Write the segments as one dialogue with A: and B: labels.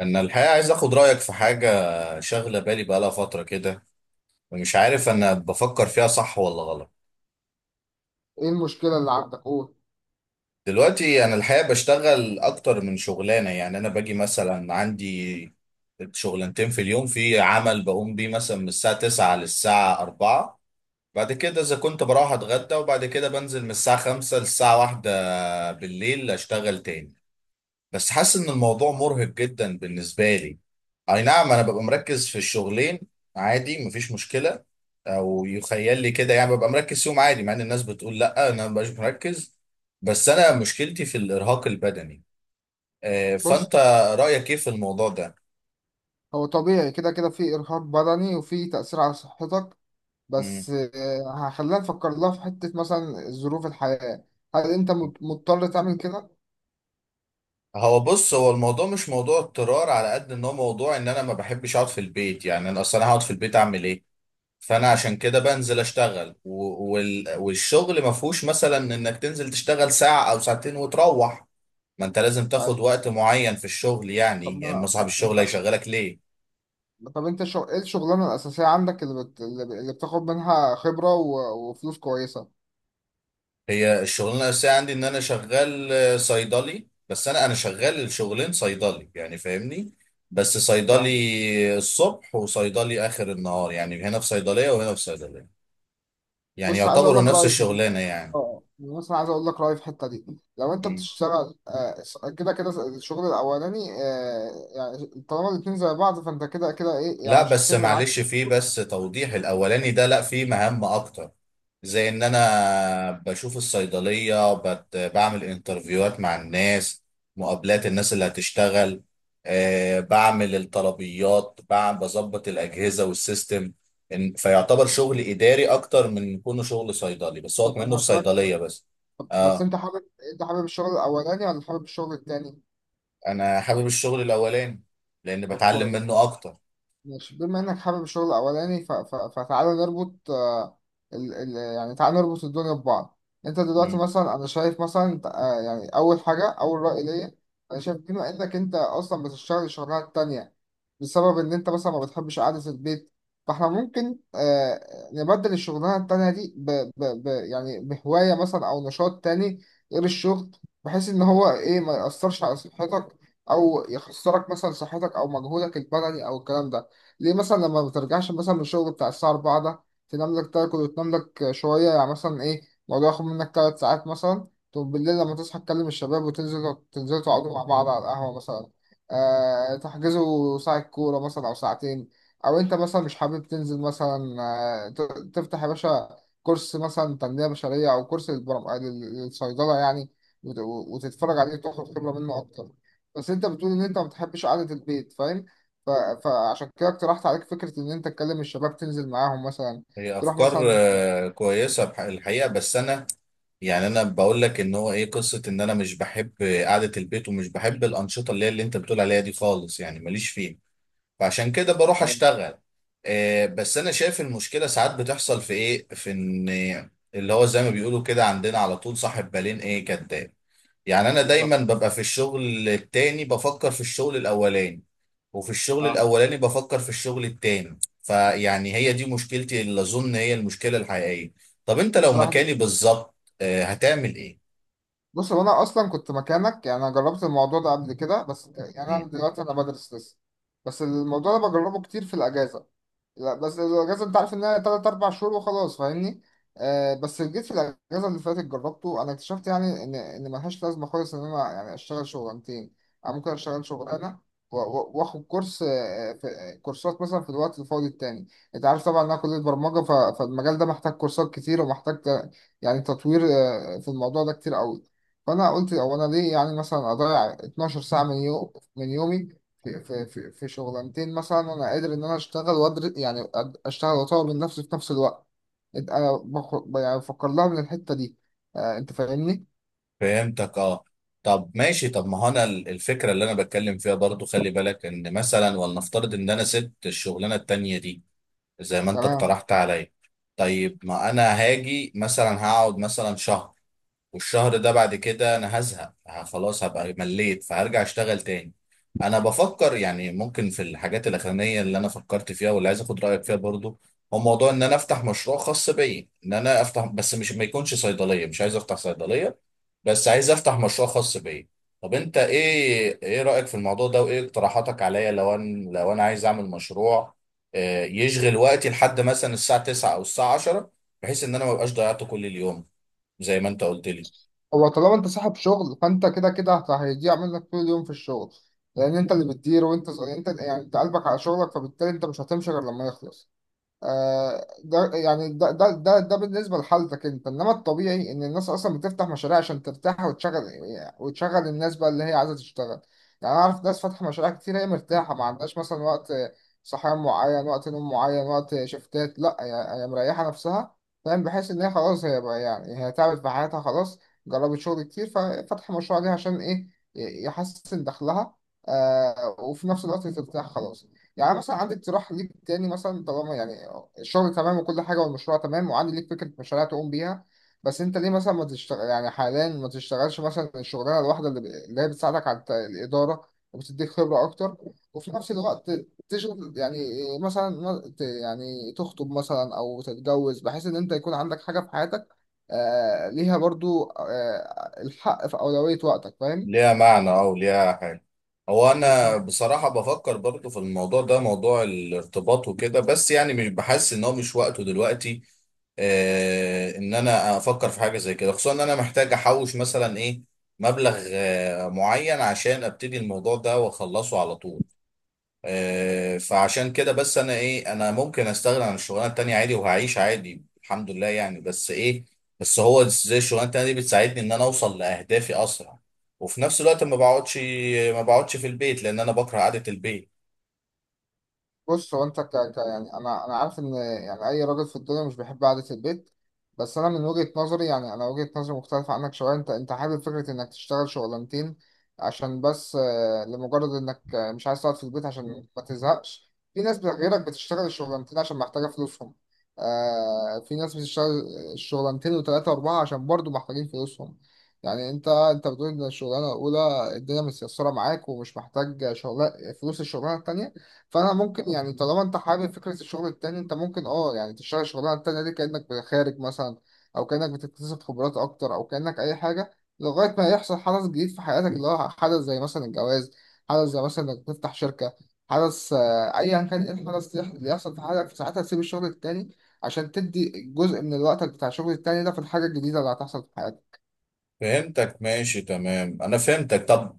A: انا الحقيقه عايز اخد رايك في حاجه شاغله بالي بقالها فتره كده، ومش عارف انا بفكر فيها صح ولا غلط.
B: ايه المشكلة اللي عندك؟ قول.
A: دلوقتي انا الحقيقه بشتغل اكتر من شغلانه، يعني انا باجي مثلا عندي شغلانتين في اليوم. في عمل بقوم بيه مثلا من الساعه 9 للساعه 4، بعد كده اذا كنت بروح اتغدى، وبعد كده بنزل من الساعه 5 للساعه 1 بالليل اشتغل تاني. بس حاسس ان الموضوع مرهق جدا بالنسبه لي. اي نعم، انا ببقى مركز في الشغلين عادي، مفيش مشكله، او يخيل لي كده يعني، ببقى مركز فيهم عادي، مع ان الناس بتقول لا، انا مبقاش مركز. بس انا مشكلتي في الارهاق البدني.
B: بص،
A: فانت رايك ايه في الموضوع ده؟
B: هو طبيعي كده كده في إرهاق بدني وفي تأثير على صحتك،
A: مم.
B: بس هخلينا نفكر لها في حتة، مثلا ظروف الحياة. هل أنت مضطر تعمل كده؟
A: هو بص، هو الموضوع مش موضوع اضطرار، على قد ان هو موضوع ان انا ما بحبش اقعد في البيت. يعني انا اصلا هقعد في البيت اعمل ايه؟ فانا عشان كده بنزل اشتغل والشغل ما فيهوش مثلا انك تنزل تشتغل ساعة او ساعتين وتروح. ما انت لازم تاخد
B: طيب.
A: وقت معين في الشغل،
B: طب
A: يعني يا اما
B: ما
A: صاحب الشغل
B: ما-
A: هيشغلك ليه.
B: طب أنت إيه الشغلانة الأساسية عندك اللي بتاخد منها خبرة وفلوس كويسة؟
A: هي الشغلانة الأساسية عندي ان انا شغال صيدلي، بس انا شغال الشغلين صيدلي يعني، فاهمني. بس صيدلي
B: فاهم.
A: الصبح وصيدلي اخر النهار، يعني هنا في صيدلية وهنا في صيدلية. يعني
B: بص، عايز أقول
A: يعتبروا
B: لك
A: نفس
B: رأيي.
A: الشغلانة يعني.
B: اه، أنا مثلا عايز اقول لك رايي في الحته دي. لو انت بتشتغل كده كده الشغل الاولاني. آه، يعني طالما الاتنين زي بعض، فانت كده كده ايه، يعني
A: لا
B: مش
A: بس
B: هتفرق معاك.
A: معلش، في بس توضيح، الاولاني ده لا، في مهام اكتر. زي ان انا بشوف الصيدليه، بعمل انترفيوهات مع الناس، مقابلات الناس اللي هتشتغل، بعمل الطلبيات، بعمل، بظبط الاجهزه والسيستم. فيعتبر شغل اداري اكتر من كونه شغل صيدلي، بس هو
B: طب
A: منه
B: انا
A: في
B: هسألك س-
A: صيدليه بس.
B: طب بس
A: اه،
B: انت حابب الشغل الاولاني ولا حابب الشغل التاني؟
A: انا حابب الشغل الاولاني لان
B: طب
A: بتعلم
B: كويس.
A: منه اكتر.
B: ماشي، بما انك حابب الشغل الاولاني، فتعالى نربط، يعني تعالى نربط الدنيا ببعض. انت دلوقتي،
A: مم.
B: مثلا انا شايف مثلا، يعني اول حاجه، اول راي ليا: انا شايف بما انك انت اصلا بتشتغل الشغلانه التانيه بسبب ان انت مثلا ما بتحبش قعده البيت، فاحنا ممكن نبدل الشغلانه التانيه دي يعني بهوايه مثلا او نشاط تاني غير الشغل، بحيث ان هو ايه، ما يأثرش على صحتك او يخسرك مثلا صحتك او مجهودك البدني او الكلام ده. ليه مثلا لما بترجعش مثلا من الشغل بتاع الساعة 4 ده، تنام لك، تاكل وتنام لك شوية، يعني مثلا إيه، الموضوع ياخد منك تلات ساعات مثلا. طب بالليل لما تصحى تكلم الشباب وتنزلوا تقعدوا مع بعض على القهوة مثلا، آه، تحجزوا ساعة كورة مثلا أو ساعتين. أو أنت مثلا مش حابب تنزل مثلا، آه ت- تفتح يا باشا كورس مثلا تنمية بشرية أو كورس للصيدلة يعني، وت- وتتفرج عليه وتاخد خبرة منه أكتر. بس أنت بتقول إن أنت ما بتحبش قعدة البيت، ف... فعشان كده اقترحت عليك فكرة إن أنت تكلم الشباب تنزل معاهم مثلا،
A: هي
B: تروح
A: افكار
B: مثلا.
A: كويسه الحقيقه، بس انا يعني، انا بقول لك ان هو ايه، قصه ان انا مش بحب قعده البيت، ومش بحب الانشطه اللي هي اللي انت بتقول عليها دي خالص، يعني ماليش فيها، فعشان كده بروح
B: أيوة.
A: اشتغل. بس انا شايف المشكله ساعات بتحصل في ايه، في ان اللي هو زي ما بيقولوا كده عندنا على طول، صاحب بالين ايه؟ كداب. يعني انا دايما
B: بالظبط.
A: ببقى في الشغل التاني بفكر في الشغل الاولاني، وفي الشغل
B: أه.
A: الاولاني بفكر في الشغل التاني، فيعني هي دي مشكلتي اللي اظن هي المشكله الحقيقيه. طب انت لو
B: صراحة دي-
A: مكاني بالظبط، هتعمل ايه؟
B: بص هو أنا أصلا كنت مكانك، يعني أنا جربت الموضوع ده قبل كده، بس يعني أنا
A: تمام.
B: دلوقتي أنا بدرس لسه. بس الموضوع ده بجربه كتير في الأجازة. لا، بس الاجازه انت عارف انها تلات اربع شهور وخلاص، فاهمني. آه بس جيت في الاجازه اللي فاتت جربته، انا اكتشفت يعني ان ملهاش لازمه خالص ان انا يعني اشتغل شغلانتين. انا ممكن اشتغل شغلانه واخد كورس، آه، في آه، كورسات مثلا في الوقت الفاضي التاني. انت عارف طبعا ان انا كليه برمجه، فالمجال ده محتاج كورسات كتير ومحتاج يعني تطوير في الموضوع ده كتير قوي. فانا قلت، هو انا ليه يعني مثلا اضيع 12 ساعه من من يومي في شغلانتين، مثلا انا قادر ان انا اشتغل وادر، يعني اشتغل واطور من نفسي في نفس الوقت. يعني بفكر لها من الحته دي، آه انت فاهمني.
A: فهمتك اه. طب ماشي، طب ما هو انا الفكره اللي انا بتكلم فيها برضو، خلي بالك ان مثلا ولنفترض ان انا سبت الشغلانه التانيه دي زي ما انت
B: تمام.
A: اقترحت عليا. طيب ما انا هاجي مثلا هقعد مثلا شهر، والشهر ده بعد كده انا هزهق، خلاص هبقى مليت، فهرجع اشتغل تاني. انا بفكر يعني ممكن في الحاجات الاخرانيه اللي انا فكرت فيها واللي عايز اخد رايك فيها برضو، هو موضوع ان انا افتح مشروع خاص بيا، ان انا افتح بس، مش ما يكونش صيدليه، مش عايز افتح صيدليه، بس عايز افتح مشروع خاص بيا. طب انت ايه رايك في الموضوع ده؟ وايه اقتراحاتك عليا لو انا عايز اعمل مشروع يشغل وقتي لحد مثلا الساعه 9 او الساعه 10، بحيث ان انا ما بقاش ضيعته كل اليوم زي ما انت قلت لي.
B: هو طالما انت صاحب شغل فانت كده كده هيضيع منك طول اليوم في الشغل، لان انت اللي بتدير، وانت يعني انت، يعني انت قلبك على شغلك، فبالتالي انت مش هتمشي غير لما يخلص. ده يعني ده بالنسبة لحالتك انت، انما الطبيعي ان الناس اصلا بتفتح مشاريع عشان ترتاح وتشغل، وتشغل الناس بقى اللي هي عايزة تشتغل. يعني انا اعرف ناس فاتحة مشاريع كتير، هي مرتاحة، ما عندهاش مثلا وقت صحيان معين، وقت نوم معين، وقت شفتات، لا، هي مريحة نفسها. فاهم، بحيث ان هي خلاص، هي بقى يعني هي تعبت في حياتها خلاص، جربت شغل كتير، ففتح مشروع ليها عشان ايه، يحسن دخلها، آه، وفي نفس الوقت ترتاح خلاص. يعني مثلا عندي اقتراح ليك تاني، مثلا طالما يعني الشغل تمام وكل حاجة والمشروع تمام، وعندي ليك فكرة مشاريع تقوم بيها. بس انت ليه مثلا ما تشتغل، يعني حاليا ما تشتغلش مثلا الشغلانة الواحدة اللي هي بتساعدك على الإدارة وبتديك خبرة أكتر، وفي نفس الوقت تشغل يعني مثلا، يعني تخطب مثلا أو تتجوز بحيث إن أنت يكون عندك حاجة في حياتك، آه، ليها برضو، آه، الحق في أولوية وقتك، فاهم؟
A: ليها معنى او ليها حاجه. هو انا بصراحه بفكر برضو في الموضوع ده، موضوع الارتباط وكده، بس يعني مش بحس ان هو، مش وقته دلوقتي ان انا افكر في حاجه زي كده، خصوصا ان انا محتاج احوش مثلا ايه، مبلغ معين عشان ابتدي الموضوع ده واخلصه على طول. فعشان كده بس انا ايه، انا ممكن استغنى عن الشغلانه التانيه عادي، وهعيش عادي الحمد لله يعني، بس ايه، بس هو زي الشغلانه التانيه دي بتساعدني ان انا اوصل لاهدافي اسرع، وفي نفس الوقت ما بقعدش في البيت لان انا بكره قعده البيت.
B: بص هو انت يعني انا عارف ان يعني اي راجل في الدنيا مش بيحب قعده البيت، بس انا من وجهه نظري، يعني انا وجهه نظري مختلفه عنك شويه. انت حابب فكره انك تشتغل شغلانتين عشان بس، لمجرد انك مش عايز تقعد في البيت عشان ما تزهقش. في ناس غيرك بتشتغل الشغلانتين عشان محتاجه فلوسهم، آه، في ناس بتشتغل الشغلانتين وثلاثه واربعه عشان برضو محتاجين فلوسهم. يعني انت بتقول ان الشغلانه الاولى الدنيا متيسره معاك ومش محتاج شغل فلوس الشغلانه التانيه، فانا ممكن يعني طالما انت حابب فكره الشغل التاني، انت ممكن اه يعني تشتغل الشغلانه التانيه دي كانك خارج مثلا، او كانك بتكتسب خبرات اكتر، او كانك اي حاجه، لغايه ما يحصل حدث جديد في حياتك، اللي هو حدث زي مثلا الجواز، حدث زي مثلا انك تفتح شركه، حدث ايا كان ايه الحدث اللي يحصل في حياتك، في ساعتها تسيب الشغل التاني عشان تدي جزء من الوقت بتاع الشغل التاني ده في الحاجه الجديده اللي هتحصل في حياتك.
A: فهمتك، ماشي تمام، انا فهمتك. طب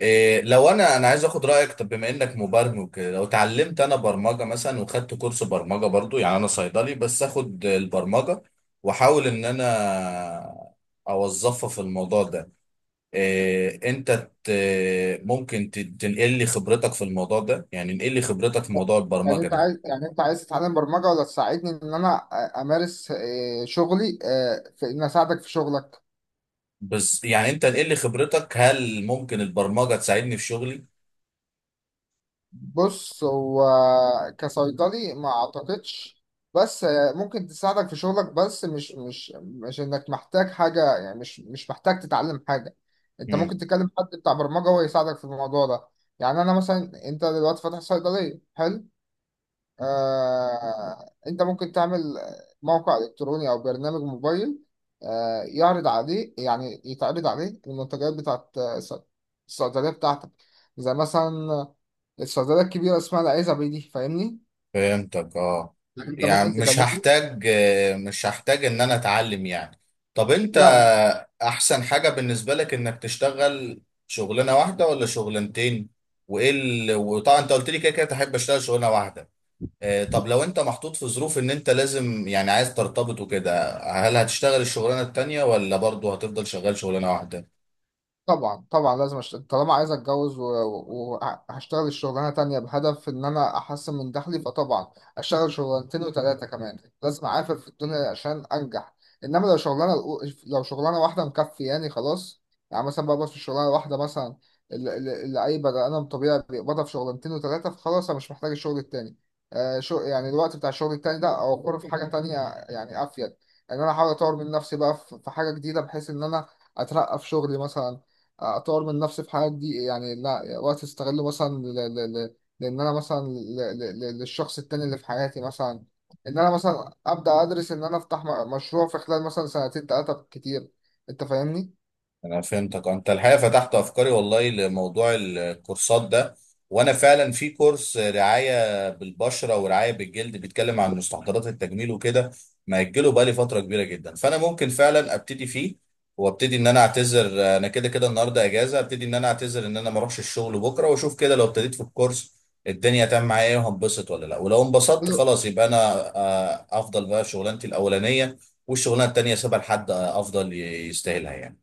A: إيه لو انا عايز اخد رايك، طب بما انك مبرمج وكده، لو اتعلمت انا برمجه مثلا وخدت كورس برمجه برضو، يعني انا صيدلي بس اخد البرمجه واحاول ان انا اوظفها في الموضوع ده. إيه انت ممكن تنقل لي خبرتك في الموضوع ده؟ يعني انقل لي خبرتك في موضوع
B: يعني
A: البرمجه
B: انت
A: ده،
B: عايز يعني انت عايز تتعلم برمجه، ولا تساعدني ان انا امارس شغلي في ان اساعدك في شغلك؟
A: بس يعني انت انقل لي خبرتك، هل ممكن البرمجه تساعدني في شغلي؟
B: بص هو، كصيدلي ما اعتقدش، بس ممكن تساعدك في شغلك، بس مش انك محتاج حاجة، يعني مش محتاج تتعلم حاجة. انت ممكن تكلم حد بتاع برمجة ويساعدك في الموضوع ده. يعني انا مثلا، انت دلوقتي فاتح صيدلية، حلو، انت ممكن تعمل موقع الكتروني او برنامج موبايل، يعرض عليه يعني يتعرض عليه المنتجات بتاعت الصيدليه بتاعتك، زي مثلا الصيدليه الكبيره اسمها العزبي دي، فاهمني.
A: فهمتك اه.
B: انت ممكن
A: يعني مش
B: تكلمني.
A: هحتاج آه، مش هحتاج ان انا اتعلم يعني. طب انت،
B: لا.
A: احسن حاجة بالنسبة لك انك تشتغل شغلانة واحدة ولا شغلانتين؟ وايه وطبعا انت قلت لي كده كده تحب اشتغل شغلانة واحدة. طب لو انت محطوط في ظروف ان انت لازم يعني عايز ترتبط وكده، هل هتشتغل الشغلانة التانية ولا برضه هتفضل شغال شغلانة واحدة؟
B: طبعا طبعا لازم طالما عايز اتجوز وهشتغل الشغلانه تانية بهدف ان انا احسن من دخلي، فطبعا اشتغل شغلانتين وثلاثه كمان، لازم اعافر في الدنيا عشان انجح. انما لو شغلانه واحده مكفياني خلاص، يعني مثلا بقبض في الشغلانه الواحده مثلا اللي اي بني ادم طبيعي بيقبضها في شغلانتين وثلاثه، فخلاص انا مش محتاج الشغل التاني، آه، شو يعني الوقت بتاع الشغل التاني ده اوفره في حاجه تانية، يعني افيد، ان انا احاول اطور من نفسي بقى في حاجه جديده، بحيث ان انا اترقى في شغلي مثلا، اطور من نفسي في حاجات دي، يعني لا، وقت استغله مثلا لان انا مثلا للشخص التاني اللي في حياتي مثلا، ان انا مثلا ابدا ادرس ان انا افتح مشروع في خلال مثلا سنتين ثلاثه كتير، انت فاهمني.
A: انا فهمتك، انت الحقيقه فتحت افكاري والله لموضوع الكورسات ده. وانا فعلا في كورس رعايه بالبشره ورعايه بالجلد بيتكلم عن مستحضرات التجميل وكده، مأجله بقالي فتره كبيره جدا، فانا ممكن فعلا ابتدي فيه. وابتدي ان انا اعتذر، انا كده كده النهارده اجازه، ابتدي ان انا اعتذر ان انا ما اروحش الشغل بكره، واشوف كده لو ابتديت في الكورس الدنيا تمام معايا ايه، وهنبسط ولا لا، ولو انبسطت
B: حلو.
A: خلاص يبقى انا افضل بقى في شغلانتي الاولانيه، والشغلانه التانيه سيبها لحد افضل يستاهلها يعني.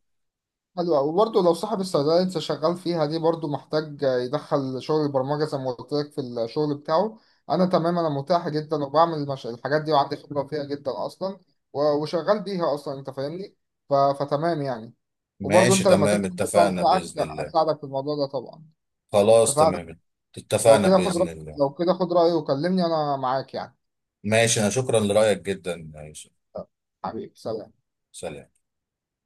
B: حلو أوي. وبرضه لو صاحب الصيدليه اللي انت شغال فيها دي برضه محتاج يدخل شغل البرمجه زي ما قلت لك في الشغل بتاعه، انا تمام، انا متاح جدا وبعمل الحاجات دي وعندي خبره فيها جدا اصلا، وشغال بيها اصلا، انت فاهمني، فتمام يعني. وبرضه
A: ماشي
B: انت لما
A: تمام،
B: تفتح البتاع
A: اتفقنا
B: بتاعك
A: بإذن الله.
B: اساعدك في الموضوع ده طبعا.
A: خلاص
B: اتفقنا.
A: تمام.
B: لو
A: اتفقنا
B: كده خد
A: بإذن
B: رأي
A: الله.
B: لو كده خد رأيي وكلمني، انا معاك يعني.
A: ماشي، أنا شكرا لرأيك جدا يا يوسف.
B: حبيبي سلام.
A: سلام.